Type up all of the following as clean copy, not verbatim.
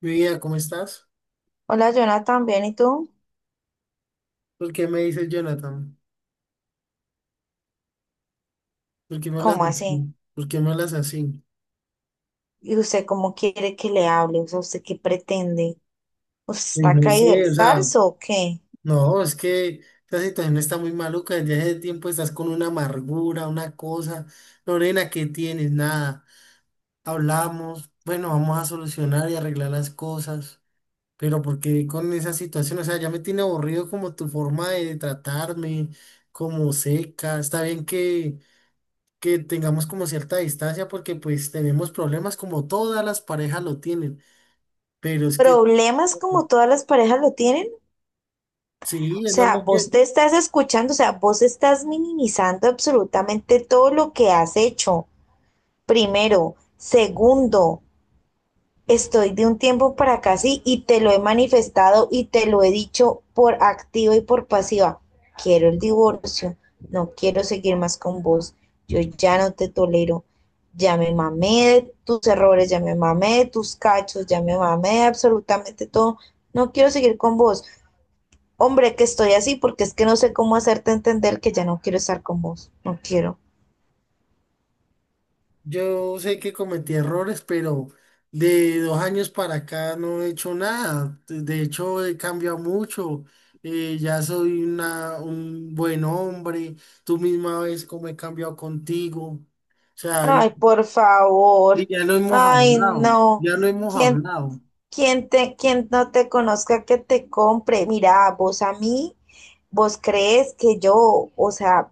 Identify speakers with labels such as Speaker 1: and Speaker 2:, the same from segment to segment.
Speaker 1: Mi vida, ¿cómo estás?
Speaker 2: Hola, Jonathan, bien, ¿y tú?
Speaker 1: ¿Por qué me dices Jonathan? ¿Por qué me hablas
Speaker 2: ¿Cómo
Speaker 1: así?
Speaker 2: así?
Speaker 1: ¿Por qué me hablas así?
Speaker 2: ¿Y usted cómo quiere que le hable? O sea, ¿usted qué pretende? ¿Usted
Speaker 1: Y
Speaker 2: está
Speaker 1: no
Speaker 2: caído del
Speaker 1: sé, o sea,
Speaker 2: zarzo o qué?
Speaker 1: no, es que esta situación está muy maluca. Desde hace tiempo estás con una amargura, una cosa. Lorena, ¿qué tienes? Nada. Hablamos, bueno, vamos a solucionar y arreglar las cosas. Pero ¿por qué con esa situación? O sea, ya me tiene aburrido como tu forma de tratarme, como seca. Está bien que tengamos como cierta distancia porque pues tenemos problemas como todas las parejas lo tienen, pero es que
Speaker 2: ¿Problemas como todas las parejas lo tienen?
Speaker 1: sí,
Speaker 2: O
Speaker 1: es
Speaker 2: sea,
Speaker 1: normal que
Speaker 2: vos te estás escuchando, o sea, vos estás minimizando absolutamente todo lo que has hecho. Primero. Segundo, estoy de un tiempo para acá, sí, y te lo he manifestado y te lo he dicho por activa y por pasiva. Quiero el divorcio, no quiero seguir más con vos, yo ya no te tolero, ya me mamé de tus errores, ya me mamé de tus cachos, ya me mamé de absolutamente todo, no quiero seguir con vos. Hombre, que estoy así porque es que no sé cómo hacerte entender que ya no quiero estar con vos, no quiero.
Speaker 1: yo sé que cometí errores, pero de 2 años para acá no he hecho nada, de hecho he cambiado mucho, ya soy un buen hombre, tú misma ves cómo he cambiado contigo, o sea, y,
Speaker 2: Ay, por favor,
Speaker 1: y ya lo hemos
Speaker 2: ay,
Speaker 1: hablado,
Speaker 2: no,
Speaker 1: ya lo hemos
Speaker 2: ¿quién
Speaker 1: hablado,
Speaker 2: Quien te, quien no te conozca, que te compre. Mira, vos a mí, vos crees que yo, o sea,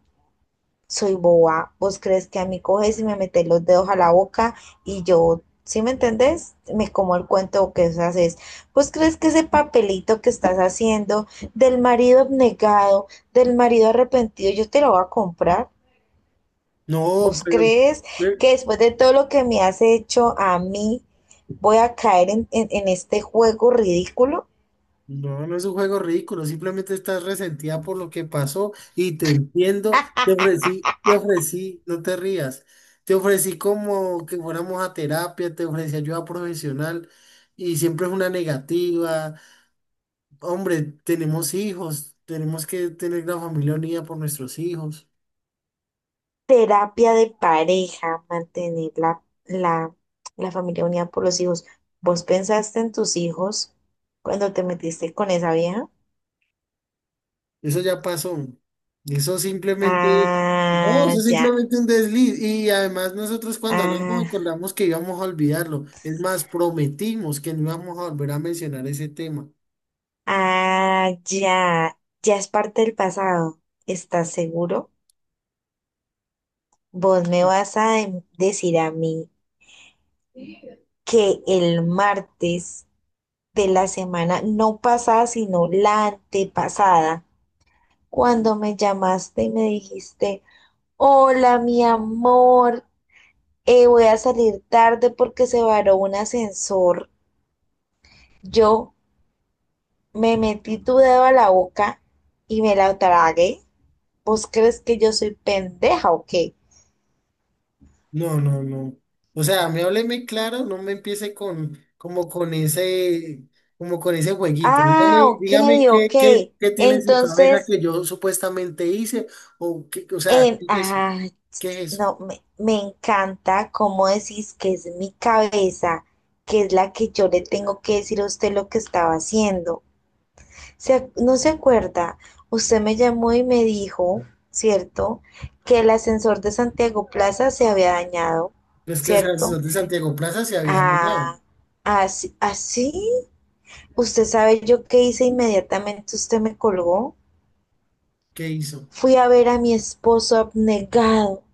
Speaker 2: soy boba. Vos crees que a mí coges y me metes los dedos a la boca y yo, ¿sí me entendés? Me como el cuento que vos haces. Vos crees que ese papelito que estás haciendo del marido abnegado, del marido arrepentido, yo te lo voy a comprar.
Speaker 1: no,
Speaker 2: ¿Vos
Speaker 1: pero...
Speaker 2: crees que después de todo lo que me has hecho a mí, voy a caer en este juego ridículo?
Speaker 1: No, no es un juego ridículo, simplemente estás resentida por lo que pasó y te entiendo, te ofrecí, no te rías, te ofrecí como que fuéramos a terapia, te ofrecí ayuda profesional y siempre es una negativa. Hombre, tenemos hijos, tenemos que tener la familia unida por nuestros hijos.
Speaker 2: Terapia de pareja, mantener la familia unida por los hijos. ¿Vos pensaste en tus hijos cuando te metiste con esa vieja?
Speaker 1: Eso ya pasó. Eso simplemente, no,
Speaker 2: Ah,
Speaker 1: eso es
Speaker 2: ya,
Speaker 1: simplemente un desliz. Y además nosotros cuando hablamos
Speaker 2: ah,
Speaker 1: acordamos que íbamos a olvidarlo. Es más, prometimos que no íbamos a volver a mencionar ese tema.
Speaker 2: ah, ya, ya es parte del pasado. ¿Estás seguro? Vos me vas a decir a mí que el martes de la semana, no pasada, sino la antepasada, cuando me llamaste y me dijiste... Hola, mi amor. Voy a salir tarde porque se varó un ascensor. Yo me metí tu dedo a la boca y me la tragué. ¿Vos crees que yo soy pendeja o qué?
Speaker 1: No, no, no. O sea, me hábleme claro, no me empiece con, como con ese jueguito.
Speaker 2: Ah,
Speaker 1: Dígame,
Speaker 2: ok,
Speaker 1: dígame
Speaker 2: ok.
Speaker 1: qué tiene en su cabeza
Speaker 2: Entonces,
Speaker 1: que yo supuestamente hice, o qué, o sea,
Speaker 2: en...
Speaker 1: ¿qué es eso?
Speaker 2: Ah,
Speaker 1: ¿Qué es eso?
Speaker 2: no, me encanta cómo decís que es mi cabeza, que es la que yo le tengo que decir a usted lo que estaba haciendo. Se ¿No se acuerda? Usted me llamó y me dijo, ¿cierto? Que el ascensor de Santiago Plaza se había dañado,
Speaker 1: Es que o sea, el
Speaker 2: ¿cierto?
Speaker 1: señor de Santiago Plaza se había dañado.
Speaker 2: Ah, así, así. Usted sabe yo qué hice inmediatamente, usted me colgó.
Speaker 1: ¿Qué hizo?
Speaker 2: Fui a ver a mi esposo abnegado.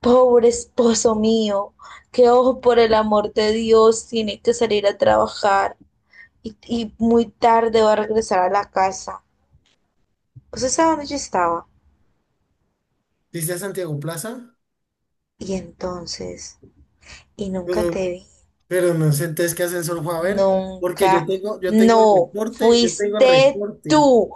Speaker 2: Pobre esposo mío, que ojo por el amor de Dios, tiene que salir a trabajar y muy tarde va a regresar a la casa. ¿Usted sabe dónde yo estaba?
Speaker 1: Dice a Santiago Plaza,
Speaker 2: Y entonces, y nunca
Speaker 1: pero,
Speaker 2: te vi,
Speaker 1: pero no sé entonces qué ascensor fue a ver, porque yo
Speaker 2: nunca,
Speaker 1: tengo, yo tengo el
Speaker 2: no,
Speaker 1: reporte, yo tengo el reporte,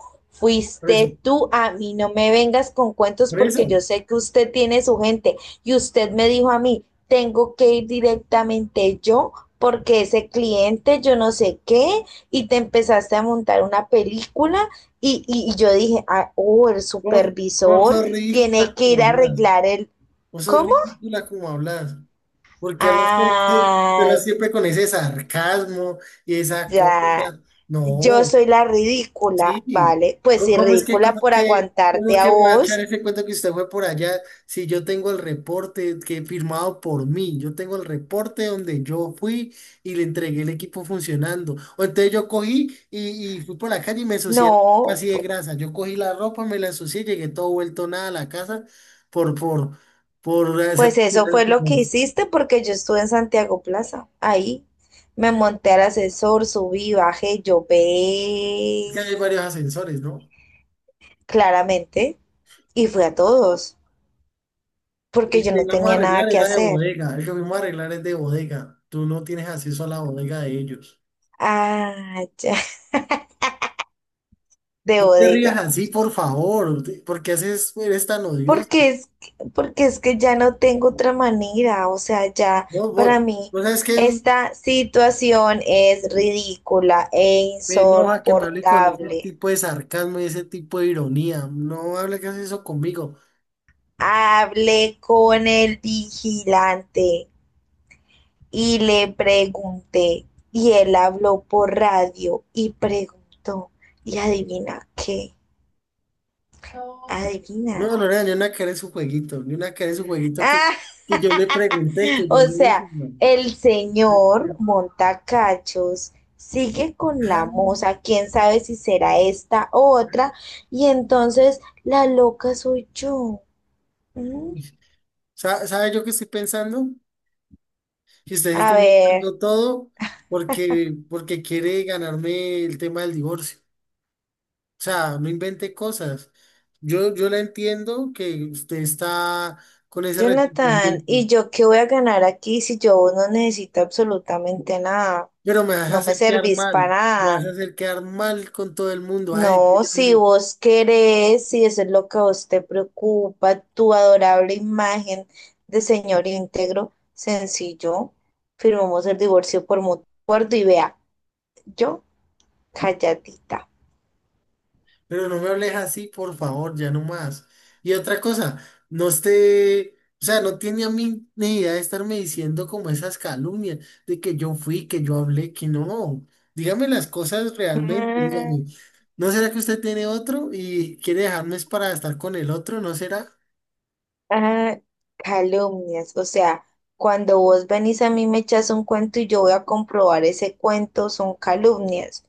Speaker 1: por eso,
Speaker 2: fuiste tú, a mí no me vengas con cuentos
Speaker 1: por
Speaker 2: porque
Speaker 1: eso,
Speaker 2: yo sé que usted tiene su gente y usted me dijo a mí, tengo que ir directamente yo porque ese cliente yo no sé qué y te empezaste a montar una película y yo dije, ah, oh, el
Speaker 1: vos, vos
Speaker 2: supervisor
Speaker 1: sos ridícula
Speaker 2: tiene que
Speaker 1: como
Speaker 2: ir a
Speaker 1: hablas,
Speaker 2: arreglar el...
Speaker 1: vos sos
Speaker 2: ¿Cómo?
Speaker 1: ridícula como hablas, porque te
Speaker 2: Ah,
Speaker 1: hablas siempre con ese sarcasmo y esa
Speaker 2: ya,
Speaker 1: cosa,
Speaker 2: yo
Speaker 1: no,
Speaker 2: soy la ridícula,
Speaker 1: sí,
Speaker 2: ¿vale? Pues
Speaker 1: ¿cómo,
Speaker 2: si
Speaker 1: cómo es que,
Speaker 2: ridícula
Speaker 1: cómo es
Speaker 2: por
Speaker 1: que, cómo es
Speaker 2: aguantarte a
Speaker 1: que me va a echar
Speaker 2: vos,
Speaker 1: ese cuento que usted fue por allá si yo tengo el reporte que firmado por mí? Yo tengo el reporte donde yo fui y le entregué el equipo funcionando. O entonces yo cogí y fui por la calle y me ensucié la ropa
Speaker 2: no,
Speaker 1: así de grasa. Yo cogí la ropa, me la ensucié, llegué todo vuelto nada a la casa por, por, por,
Speaker 2: pues
Speaker 1: esa-
Speaker 2: eso fue lo que
Speaker 1: es
Speaker 2: hiciste porque yo estuve en Santiago Plaza, ahí. Me monté al ascensor, subí, bajé,
Speaker 1: Que
Speaker 2: llové
Speaker 1: hay varios ascensores, ¿no?
Speaker 2: claramente y fui a todos porque
Speaker 1: El
Speaker 2: yo
Speaker 1: que
Speaker 2: no
Speaker 1: íbamos a
Speaker 2: tenía
Speaker 1: arreglar
Speaker 2: nada que
Speaker 1: era de
Speaker 2: hacer.
Speaker 1: bodega, el que fuimos a arreglar es de bodega. Tú no tienes acceso a la bodega de ellos.
Speaker 2: Ah, ya, de
Speaker 1: No te rías
Speaker 2: bodega.
Speaker 1: así, por favor, eres tan odioso.
Speaker 2: Porque es, porque es que ya no tengo otra manera, o sea, ya
Speaker 1: No,
Speaker 2: para
Speaker 1: vos,
Speaker 2: mí
Speaker 1: vos sabes que
Speaker 2: esta situación es ridícula e
Speaker 1: me enoja que me hable con ese
Speaker 2: insoportable.
Speaker 1: tipo de sarcasmo y ese tipo de ironía. No hable que haces eso conmigo.
Speaker 2: Hablé con el vigilante y le pregunté, y él habló por radio y preguntó, y adivina qué, adivina.
Speaker 1: No, Lorena, yo no, ni una que su jueguito, ni una que su jueguito que yo le pregunté, que
Speaker 2: O
Speaker 1: yo le
Speaker 2: sea,
Speaker 1: dije, no.
Speaker 2: el
Speaker 1: No,
Speaker 2: señor
Speaker 1: no.
Speaker 2: Montacachos sigue con la
Speaker 1: Ah,
Speaker 2: moza, quién sabe si será esta o otra, y entonces la loca soy yo. ¿Mm?
Speaker 1: ¿sabe yo qué estoy pensando? Si ustedes
Speaker 2: A
Speaker 1: están
Speaker 2: ver,
Speaker 1: logrando todo porque quiere ganarme el tema del divorcio. O sea, no invente cosas. Yo la entiendo que usted está con ese
Speaker 2: Jonathan,
Speaker 1: resentimiento,
Speaker 2: ¿y yo qué voy a ganar aquí si yo no necesito absolutamente nada?
Speaker 1: pero me vas a
Speaker 2: No me
Speaker 1: hacer quedar
Speaker 2: servís para
Speaker 1: mal. Me vas
Speaker 2: nada.
Speaker 1: a hacer quedar mal con todo el mundo. Ay, que
Speaker 2: No,
Speaker 1: yo,
Speaker 2: si
Speaker 1: no.
Speaker 2: vos querés, si eso es lo que a vos te preocupa, tu adorable imagen de señor íntegro, sencillo, firmamos el divorcio por mutuo acuerdo y vea, yo calladita.
Speaker 1: Pero no me hables así, por favor, ya no más. Y otra cosa, no esté, o sea, no tiene a mí ni idea de estarme diciendo como esas calumnias de que yo fui, que yo hablé, que no. Dígame las cosas realmente,
Speaker 2: Mm,
Speaker 1: dígame. ¿No será que usted tiene otro y quiere dejarme es para estar con el otro? ¿No será?
Speaker 2: ah, calumnias, o sea, cuando vos venís a mí me echas un cuento y yo voy a comprobar ese cuento, son calumnias.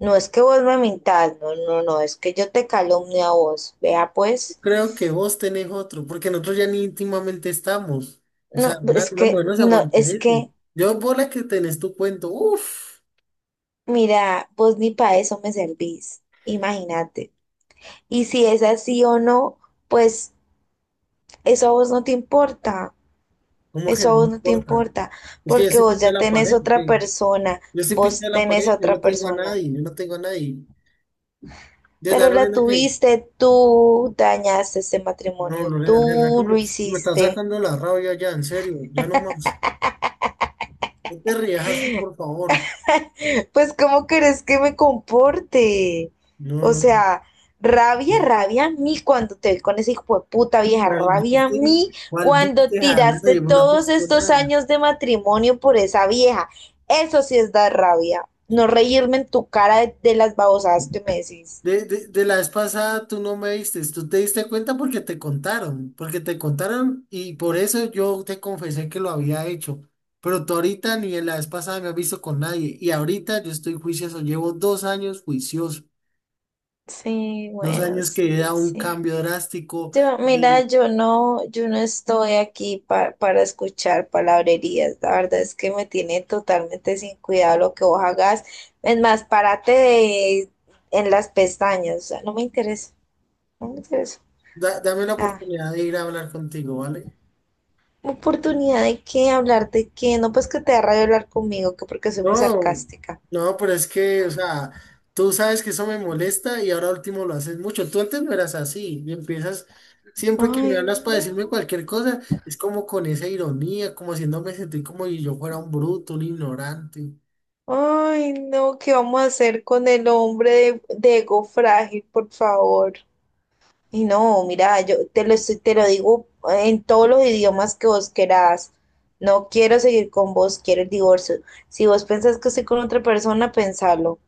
Speaker 2: No es que vos me mintas, no, no, no, es que yo te calumnio a vos, vea pues.
Speaker 1: Creo que vos tenés otro, porque nosotros ya ni íntimamente estamos. O sea,
Speaker 2: No,
Speaker 1: una,
Speaker 2: es
Speaker 1: una mujer
Speaker 2: que,
Speaker 1: no se
Speaker 2: no,
Speaker 1: aguanta
Speaker 2: es
Speaker 1: eso.
Speaker 2: que.
Speaker 1: Yo por la que tenés tu cuento, uff,
Speaker 2: Mira, vos ni para eso me servís, imagínate. Y si es así o no, pues eso a vos no te importa,
Speaker 1: como que
Speaker 2: eso
Speaker 1: no
Speaker 2: a vos no te
Speaker 1: importa.
Speaker 2: importa,
Speaker 1: Es que yo
Speaker 2: porque
Speaker 1: sí
Speaker 2: vos
Speaker 1: pinté
Speaker 2: ya
Speaker 1: la
Speaker 2: tenés
Speaker 1: pared,
Speaker 2: otra
Speaker 1: ¿ok?
Speaker 2: persona,
Speaker 1: Yo sí
Speaker 2: vos
Speaker 1: pinté la
Speaker 2: tenés a
Speaker 1: pared, yo
Speaker 2: otra
Speaker 1: no tengo a
Speaker 2: persona,
Speaker 1: nadie, yo no tengo a nadie. Desde a
Speaker 2: pero la
Speaker 1: Lorena que,
Speaker 2: tuviste, tú dañaste ese
Speaker 1: no,
Speaker 2: matrimonio,
Speaker 1: Lorena, de verdad que
Speaker 2: tú lo
Speaker 1: me está
Speaker 2: hiciste.
Speaker 1: sacando la rabia ya, en serio, ya no más. No te rías así, por favor.
Speaker 2: Pues, ¿cómo querés que me comporte?
Speaker 1: No,
Speaker 2: O
Speaker 1: no.
Speaker 2: sea, rabia, rabia a mí cuando te vi con ese hijo de puta vieja,
Speaker 1: ¿Cuál
Speaker 2: rabia a
Speaker 1: viste?
Speaker 2: mí
Speaker 1: ¿Cuál
Speaker 2: cuando
Speaker 1: viste? Jamás
Speaker 2: tiraste
Speaker 1: yo no he
Speaker 2: todos
Speaker 1: visto
Speaker 2: estos
Speaker 1: nada.
Speaker 2: años de matrimonio por esa vieja. Eso sí es dar rabia. No reírme en tu cara de, las babosadas que me decís.
Speaker 1: De la vez pasada tú no me diste, tú te diste cuenta porque te contaron y por eso yo te confesé que lo había hecho. Pero tú ahorita ni en la vez pasada me has visto con nadie y ahorita yo estoy juicioso, llevo 2 años juicioso,
Speaker 2: Sí,
Speaker 1: dos
Speaker 2: bueno,
Speaker 1: años que he
Speaker 2: sí,
Speaker 1: dado un
Speaker 2: sí.
Speaker 1: cambio drástico
Speaker 2: Yo, mira,
Speaker 1: y
Speaker 2: yo no, yo no estoy aquí para escuchar palabrerías. La verdad es que me tiene totalmente sin cuidado lo que vos hagas. Es más, en las pestañas. O sea, no me interesa. No me interesa.
Speaker 1: dame la
Speaker 2: Ah,
Speaker 1: oportunidad de ir a hablar contigo, ¿vale?
Speaker 2: oportunidad de qué, hablar de qué. No, pues que te da rabia hablar conmigo, que porque soy muy
Speaker 1: No,
Speaker 2: sarcástica.
Speaker 1: no, pero es que, o sea, tú sabes que eso me molesta y ahora último lo haces mucho. Tú antes no eras así y empiezas, siempre que me
Speaker 2: Ay,
Speaker 1: hablas para decirme
Speaker 2: no.
Speaker 1: cualquier cosa, es como con esa ironía, como haciéndome sentir como si yo fuera un bruto, un ignorante.
Speaker 2: Ay, no. ¿Qué vamos a hacer con el hombre de ego frágil, por favor? Y no, mira, yo te lo, te lo digo en todos los idiomas que vos querás. No quiero seguir con vos, quiero el divorcio. Si vos pensás que estoy con otra persona, pensalo.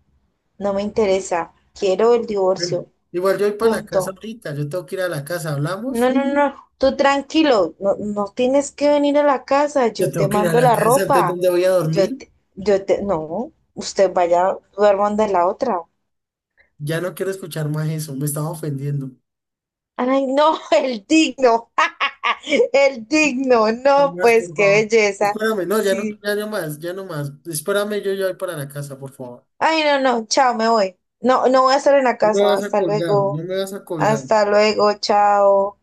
Speaker 2: No me interesa. Quiero el
Speaker 1: Bueno,
Speaker 2: divorcio.
Speaker 1: igual yo voy para la casa
Speaker 2: Punto.
Speaker 1: ahorita, yo tengo que ir a la casa,
Speaker 2: No,
Speaker 1: ¿hablamos?
Speaker 2: no, no. Tú tranquilo. No, no tienes que venir a la casa.
Speaker 1: Yo
Speaker 2: Yo te
Speaker 1: tengo que ir a
Speaker 2: mando
Speaker 1: la
Speaker 2: la
Speaker 1: casa, entonces
Speaker 2: ropa.
Speaker 1: ¿dónde voy a dormir?
Speaker 2: No. Usted vaya, duerman de la otra.
Speaker 1: Ya no quiero escuchar más eso, me estaba ofendiendo.
Speaker 2: Ay, no, el digno, el digno,
Speaker 1: No
Speaker 2: no,
Speaker 1: más,
Speaker 2: pues
Speaker 1: por
Speaker 2: qué
Speaker 1: favor.
Speaker 2: belleza.
Speaker 1: Espérame, no, ya no,
Speaker 2: Sí.
Speaker 1: ya no más, ya no más. Espérame, yo ya voy para la casa, por favor.
Speaker 2: Ay, no, no, chao, me voy. No, no voy a estar en la
Speaker 1: No me
Speaker 2: casa.
Speaker 1: vas a colgar, no me vas a colgar.
Speaker 2: Hasta luego, chao.